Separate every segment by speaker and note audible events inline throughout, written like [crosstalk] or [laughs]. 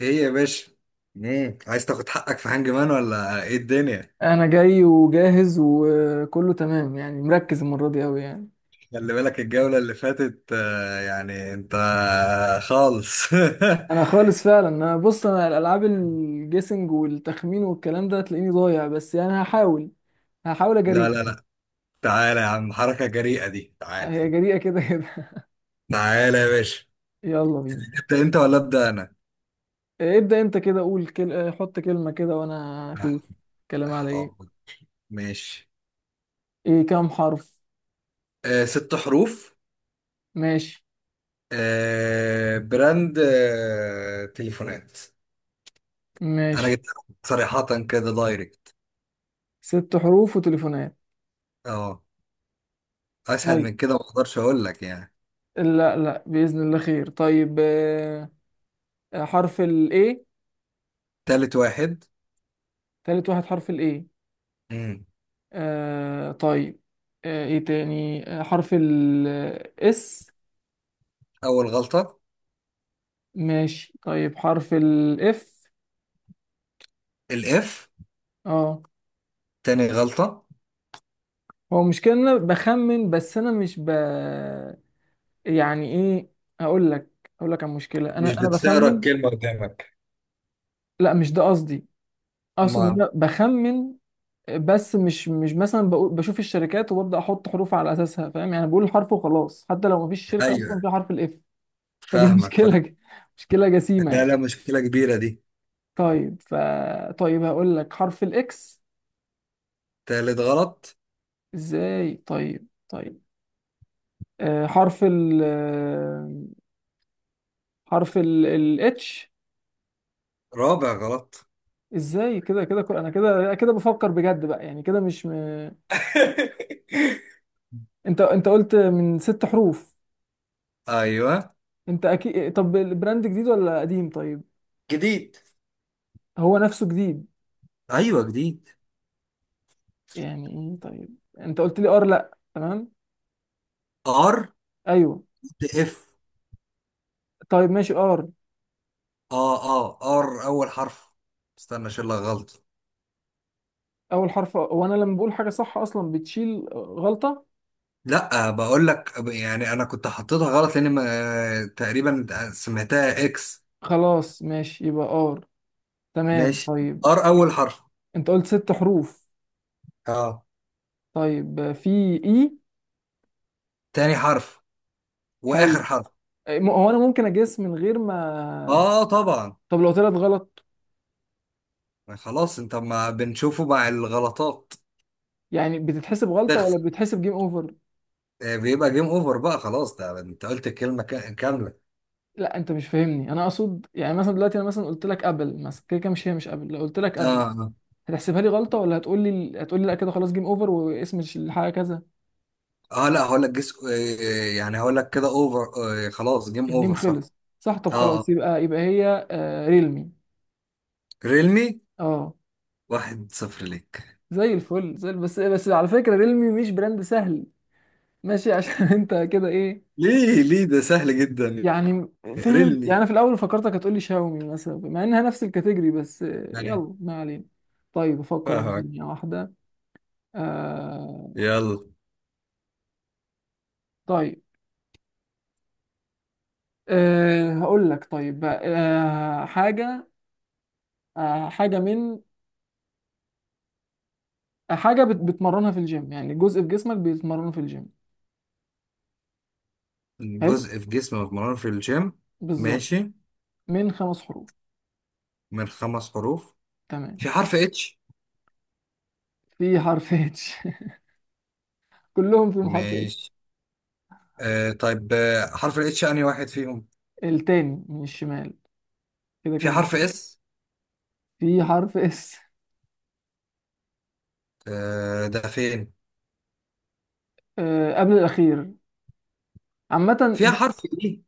Speaker 1: ايه يا باشا؟ عايز تاخد حقك في هانج مان ولا ايه الدنيا؟
Speaker 2: انا جاي وجاهز وكله تمام، يعني مركز المره دي قوي يعني.
Speaker 1: خلي بالك الجولة اللي فاتت يعني انت خالص [laughs]
Speaker 2: انا خالص فعلا. انا بص، انا الالعاب الجيسنج والتخمين والكلام ده تلاقيني ضايع، بس يعني هحاول
Speaker 1: لا
Speaker 2: اجري.
Speaker 1: لا لا، تعالى يا عم، حركة جريئة دي، تعالى.
Speaker 2: هي جريئه كده كده.
Speaker 1: تعالى يا باشا.
Speaker 2: [laughs] يلا بينا.
Speaker 1: ابدأ انت ولا ابدأ انا؟
Speaker 2: إيه، ابدا انت كده قول حط كلمه كده وانا اشوف. كلام على ايه؟
Speaker 1: حاضر. ماشي.
Speaker 2: ايه كام حرف؟
Speaker 1: آه، ست حروف.
Speaker 2: ماشي.
Speaker 1: آه، براند تليفونات. انا
Speaker 2: ماشي،
Speaker 1: جبت صريحة كده دايركت.
Speaker 2: ست حروف وتليفونات.
Speaker 1: اه. اسهل
Speaker 2: طيب،
Speaker 1: من كده ما اقدرش اقول لك يعني.
Speaker 2: لا لا، باذن الله خير. طيب، حرف الايه؟
Speaker 1: تالت واحد.
Speaker 2: تالت واحد، حرف الايه.
Speaker 1: مم.
Speaker 2: طيب. ايه تاني، حرف الاس.
Speaker 1: أول غلطة.
Speaker 2: ماشي، طيب حرف الاف.
Speaker 1: الإف،
Speaker 2: اه.
Speaker 1: تاني غلطة.
Speaker 2: هو مش كده إن انا بخمن، بس انا مش... ب يعني ايه، اقول لك، اقول لك عن مشكلة.
Speaker 1: مش
Speaker 2: انا
Speaker 1: بتقرا
Speaker 2: بخمن.
Speaker 1: الكلمة قدامك؟
Speaker 2: لا، مش ده قصدي، اقصد ان
Speaker 1: ما،
Speaker 2: انا بخمن، بس مش مثلا بقول بشوف الشركات وببدأ احط حروف على اساسها، فاهم يعني، بقول الحرف وخلاص حتى لو مفيش شركة اصلا
Speaker 1: أيوه،
Speaker 2: فيها حرف الاف. فدي [laughs]
Speaker 1: فاهمك فاهم.
Speaker 2: مشكلة، مشكلة جسيمة
Speaker 1: لا
Speaker 2: يعني.
Speaker 1: لا، مشكلة كبيرة دي.
Speaker 2: طيب طيب هقول لك حرف الاكس.
Speaker 1: تالت غلط.
Speaker 2: ازاي؟ طيب طيب. حرف حرف الاتش.
Speaker 1: رابع غلط.
Speaker 2: ازاي؟ كده كده، انا كده كده بفكر بجد بقى، يعني كده مش
Speaker 1: [laughs]
Speaker 2: انت قلت من ست حروف.
Speaker 1: أيوه
Speaker 2: انت اكيد. طب البراند جديد ولا قديم؟ طيب.
Speaker 1: جديد.
Speaker 2: هو نفسه جديد.
Speaker 1: أيوه جديد.
Speaker 2: يعني ايه؟ طيب، انت قلت لي ار لا تمام؟
Speaker 1: آر،
Speaker 2: ايوه.
Speaker 1: إف.
Speaker 2: طيب ماشي، ار.
Speaker 1: آر أول حرف. استنى أشيل لك غلط.
Speaker 2: اول حرف؟ وانا لما بقول حاجة صح اصلا بتشيل غلطة.
Speaker 1: لا، بقول لك يعني أنا كنت حطيتها غلط لأن تقريبا سمعتها إكس.
Speaker 2: خلاص ماشي، يبقى ار. تمام
Speaker 1: ماشي.
Speaker 2: طيب.
Speaker 1: آر أول حرف.
Speaker 2: انت قلت ست حروف.
Speaker 1: آه،
Speaker 2: طيب، في اي.
Speaker 1: تاني حرف واخر
Speaker 2: حلو.
Speaker 1: حرف.
Speaker 2: هو انا ممكن اجس من غير ما...
Speaker 1: اه طبعا.
Speaker 2: طب لو طلعت غلط،
Speaker 1: خلاص، انت ما بنشوفه مع الغلطات.
Speaker 2: يعني بتتحسب غلطة ولا
Speaker 1: تخسر.
Speaker 2: بتتحسب جيم اوفر؟
Speaker 1: بيبقى جيم اوفر بقى، خلاص ده انت قلت الكلمه كامله.
Speaker 2: لا، انت مش فاهمني. انا اقصد يعني مثلا دلوقتي، انا مثلا قلت لك قبل، مثلا كده كده، مش هي، مش قبل، لو قلت لك
Speaker 1: اه
Speaker 2: قبل
Speaker 1: اه.
Speaker 2: هتحسبها لي غلطة، ولا هتقول لي لا كده خلاص جيم اوفر واسم الحاجة كذا؟
Speaker 1: لا هقول لك جس، يعني هقول لك كده اوفر. خلاص جيم
Speaker 2: الجيم
Speaker 1: اوفر صح.
Speaker 2: خلص. صح. طب
Speaker 1: اه
Speaker 2: خلاص،
Speaker 1: آه.
Speaker 2: يبقى هي ريلمي.
Speaker 1: ريلمي.
Speaker 2: اه.
Speaker 1: واحد صفر ليك.
Speaker 2: زي الفل، زي بس على فكرة ريلمي مش براند سهل. ماشي [laughs] عشان انت كده ايه
Speaker 1: ليه ليه؟ ده سهل جدا.
Speaker 2: يعني. فاهم يعني،
Speaker 1: ريلمي
Speaker 2: انا في الاول فكرتك هتقولي شاومي مثلا، مع انها نفس الكاتيجوري، بس
Speaker 1: يعني.
Speaker 2: يلا ما علينا. طيب افكر انا في
Speaker 1: فاهمك.
Speaker 2: ثانية واحده. آه.
Speaker 1: يلا.
Speaker 2: طيب. هقول لك طيب بقى، حاجه. حاجه من... حاجه بتمرنها في الجيم، يعني جزء في جسمك بيتمرنه في الجيم. حلو.
Speaker 1: جزء في جسم متمرن في الجيم.
Speaker 2: بالظبط.
Speaker 1: ماشي.
Speaker 2: من خمس حروف.
Speaker 1: من خمس حروف.
Speaker 2: تمام.
Speaker 1: في حرف اتش؟
Speaker 2: في حرف اتش [laughs] كلهم فيهم حرف اتش.
Speaker 1: ماشي. آه طيب، حرف الاتش انهي واحد فيهم؟
Speaker 2: التاني من الشمال، كده
Speaker 1: في
Speaker 2: كده
Speaker 1: حرف
Speaker 2: مش...
Speaker 1: اس؟
Speaker 2: في حرف اس.
Speaker 1: آه، ده فين؟
Speaker 2: آه، قبل الاخير. عامة.
Speaker 1: فيها حرف اي؟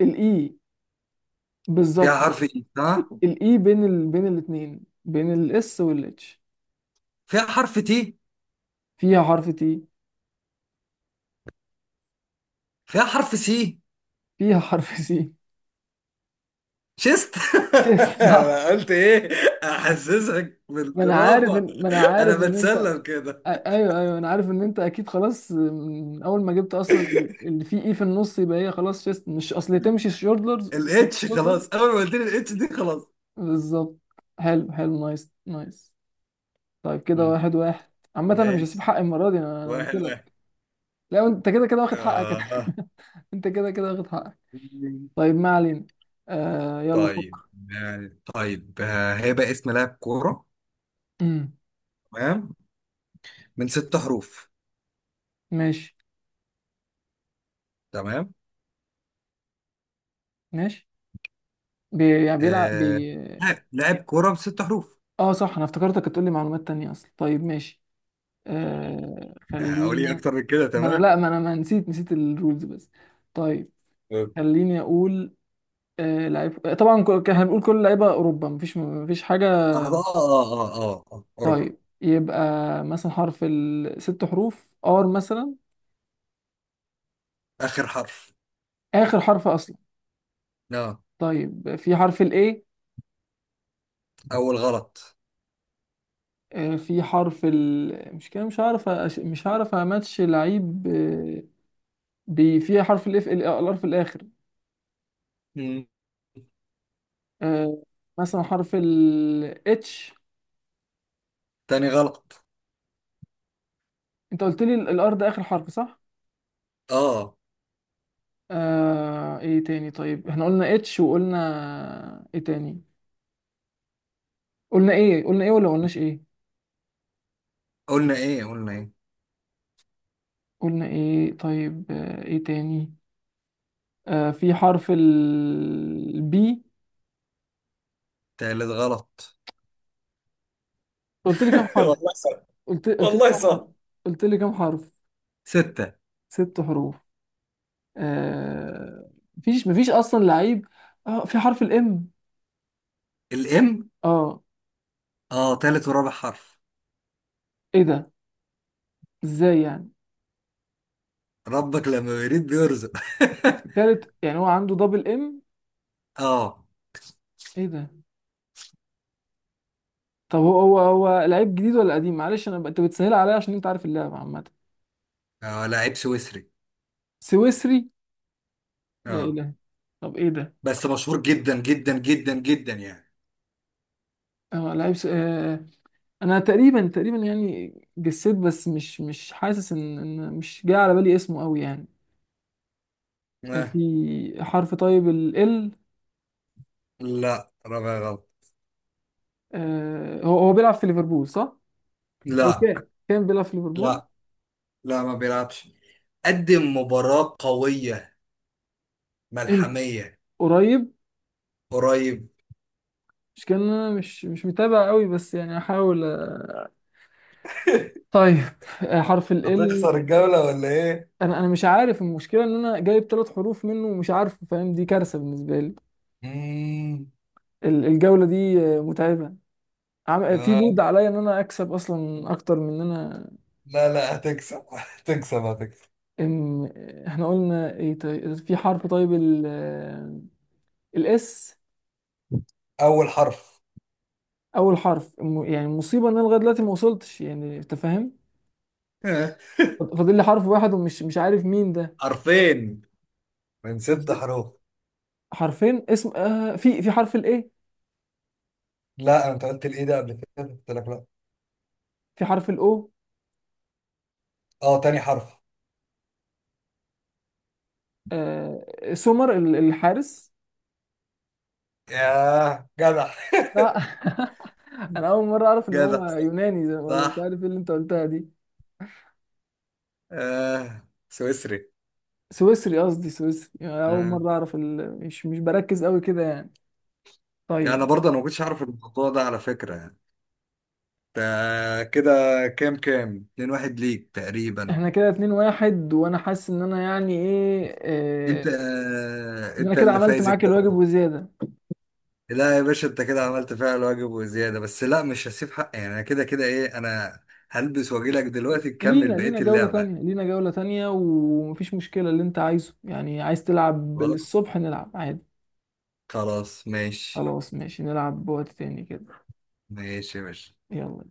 Speaker 2: الاي.
Speaker 1: فيها
Speaker 2: بالظبط.
Speaker 1: حرف اي ها؟
Speaker 2: الاي بين بين الاثنين، بين الاس والاتش.
Speaker 1: فيها حرف تي؟
Speaker 2: فيها حرف تي.
Speaker 1: فيها حرف سي؟
Speaker 2: فيها حرف سي.
Speaker 1: شست. [laughs]
Speaker 2: [laughs] صح.
Speaker 1: انا قلت ايه؟ احسسك
Speaker 2: ما انا عارف
Speaker 1: بالدرافة.
Speaker 2: ما انا
Speaker 1: انا
Speaker 2: عارف ان انت...
Speaker 1: بتسلم كده.
Speaker 2: ايوه ايوه، انا عارف ان انت اكيد خلاص من اول ما جبت اصلا. اللي فيه اي في النص يبقى هي خلاص شيست، مش اصل تمشي شولدرز تمشي
Speaker 1: الاتش
Speaker 2: شولدر.
Speaker 1: خلاص، اول ما قلت لي الاتش دي خلاص.
Speaker 2: بالظبط. حلو حلو، نايس نايس. طيب، كده
Speaker 1: مم.
Speaker 2: واحد واحد. عامة انا مش هسيب
Speaker 1: ماشي.
Speaker 2: حقي المرة دي. انا قلت
Speaker 1: واحد
Speaker 2: لك.
Speaker 1: واحد.
Speaker 2: لا، انت كده كده واخد حقك
Speaker 1: آه.
Speaker 2: [laughs] انت كده كده واخد حقك. طيب ما علينا. آه، يلا فكر.
Speaker 1: طيب، يعني طيب، هيبقى اسم لاعب كورة،
Speaker 2: امم.
Speaker 1: تمام؟ من ست حروف.
Speaker 2: ماشي.
Speaker 1: تمام.
Speaker 2: ماشي. يعني بيلعب
Speaker 1: آه، لاعب لاعب كوره بست حروف.
Speaker 2: اه صح، انا افتكرتك هتقولي معلومات تانية اصلا. طيب ماشي.
Speaker 1: اقول ايه
Speaker 2: خلينا.
Speaker 1: اكتر من كده؟
Speaker 2: ما انا،
Speaker 1: تمام.
Speaker 2: لا، ما انا ما نسيت الرولز بس. طيب،
Speaker 1: آه،
Speaker 2: خليني اقول. لعيب. طبعا كان هنقول كل لعيبة اوروبا، مفيش حاجة.
Speaker 1: اه اه اه اه، اوروبا.
Speaker 2: طيب يبقى، مثلا حرف الست حروف ار مثلا.
Speaker 1: اخر حرف.
Speaker 2: اخر حرف اصلا.
Speaker 1: اه.
Speaker 2: طيب، في حرف الاي.
Speaker 1: اول غلط.
Speaker 2: في حرف مش كده، مش هعرف مش هعرف اماتش لعيب. في حرف الاف الار في الاخر.
Speaker 1: مم.
Speaker 2: آه، مثلا حرف ال اتش.
Speaker 1: تاني غلط.
Speaker 2: انت قلت لي الار ده اخر حرف صح؟
Speaker 1: اه.
Speaker 2: ايه تاني؟ طيب احنا قلنا اتش وقلنا ايه تاني. قلنا ايه، قلنا ايه ولا قلناش ايه.
Speaker 1: قلنا ايه قلنا ايه.
Speaker 2: قلنا ايه. طيب، ايه تاني. في حرف البي.
Speaker 1: تالت غلط.
Speaker 2: قلت لي كام
Speaker 1: [laughs]
Speaker 2: حرف؟
Speaker 1: والله صح.
Speaker 2: قلت لي
Speaker 1: والله
Speaker 2: كام حرف؟
Speaker 1: صح.
Speaker 2: قلت لي كام حرف؟
Speaker 1: ستة.
Speaker 2: ست حروف. آه. مفيش اصلا لعيب. اه في حرف الام.
Speaker 1: الام.
Speaker 2: اه.
Speaker 1: اه، تالت ورابع حرف.
Speaker 2: ايه ده؟ ازاي يعني؟
Speaker 1: ربك لما بيريد بيرزق.
Speaker 2: تالت يعني، هو عنده دبل ام.
Speaker 1: [laughs] اه.
Speaker 2: ايه ده؟ طب هو لعيب جديد ولا قديم؟ معلش انا انت بتسهل عليا عشان انت عارف اللعبه عامه.
Speaker 1: اه، لاعب سويسري.
Speaker 2: سويسري. لا
Speaker 1: اه.
Speaker 2: اله. طب ايه ده.
Speaker 1: بس مشهور جدا جدا جدا جدا يعني.
Speaker 2: اه لعيب انا تقريبا يعني جسيت، بس مش حاسس ان مش جاي على بالي اسمه قوي يعني.
Speaker 1: آه.
Speaker 2: في حرف طيب ال.
Speaker 1: لا رابع غلط.
Speaker 2: هو بيلعب في ليفربول صح؟ او
Speaker 1: لا.
Speaker 2: كان بيلعب في ليفربول.
Speaker 1: لا لا ما بيلعبش. قدم مباراة قوية
Speaker 2: امتى،
Speaker 1: ملحمية.
Speaker 2: قريب؟
Speaker 1: قريب.
Speaker 2: مش كان. انا مش متابع قوي، بس يعني احاول.
Speaker 1: [laughs]
Speaker 2: طيب، حرف ال.
Speaker 1: هتخسر الجولة ولا ايه؟
Speaker 2: انا مش عارف. المشكله ان انا جايب ثلاث حروف منه ومش عارف، فاهم؟ دي كارثه بالنسبه لي.
Speaker 1: مم.
Speaker 2: الجوله دي متعبه. في لود
Speaker 1: آه.
Speaker 2: عليا ان انا اكسب اصلا اكتر من ان انا...
Speaker 1: لا لا، هتكسب هتكسب هتكسب.
Speaker 2: ان احنا قلنا ايه؟ طيب في حرف طيب الاس.
Speaker 1: أول حرف.
Speaker 2: اول حرف. يعني مصيبه ان انا لغايه دلوقتي ما وصلتش، يعني انت فاهم.
Speaker 1: [laughs]
Speaker 2: فاضل لي حرف واحد ومش مش عارف مين ده.
Speaker 1: حرفين من ست حروف.
Speaker 2: حرفين اسم. في حرف الايه.
Speaker 1: لا، انت قلت الايه ده قبل كده، قلت لك لا.
Speaker 2: في حرف الاو.
Speaker 1: اه، تاني حرف.
Speaker 2: آه سومر، الحارس.
Speaker 1: ياه، جدع!
Speaker 2: لا [laughs] انا اول مره اعرف
Speaker 1: [laughs]
Speaker 2: ان هو
Speaker 1: جدع.
Speaker 2: يوناني زي ولا مش
Speaker 1: صح.
Speaker 2: عارف ايه اللي انت قلتها دي.
Speaker 1: آه. سويسري.
Speaker 2: سويسري، قصدي سويسري، يعني اول
Speaker 1: آه.
Speaker 2: مره اعرف مش بركز قوي كده يعني.
Speaker 1: انا
Speaker 2: طيب.
Speaker 1: برضه انا ما كنتش اعرف الموضوع ده على فكرة. كده. كام كام؟ اتنين واحد ليك تقريبا.
Speaker 2: احنا كده اتنين واحد، وانا حاسس ان انا يعني ايه
Speaker 1: انت
Speaker 2: ان انا
Speaker 1: انت
Speaker 2: كده
Speaker 1: اللي
Speaker 2: عملت
Speaker 1: فايز
Speaker 2: معاك الواجب
Speaker 1: الجولة.
Speaker 2: وزياده.
Speaker 1: لا يا باشا، انت كده عملت فعل الواجب وزيادة، بس لا مش هسيب حقي يعني، انا كده كده ايه. انا هلبس واجيلك دلوقتي تكمل
Speaker 2: لينا
Speaker 1: بقية
Speaker 2: لينا جوله تانية،
Speaker 1: اللعبة.
Speaker 2: لينا جوله تانية، ومفيش مشكله. اللي انت عايزه، يعني عايز تلعب
Speaker 1: خلاص.
Speaker 2: للصبح نلعب عادي.
Speaker 1: خلاص ماشي.
Speaker 2: خلاص ماشي، نلعب بوقت تاني كده.
Speaker 1: ماشي يا باشا.
Speaker 2: يلا.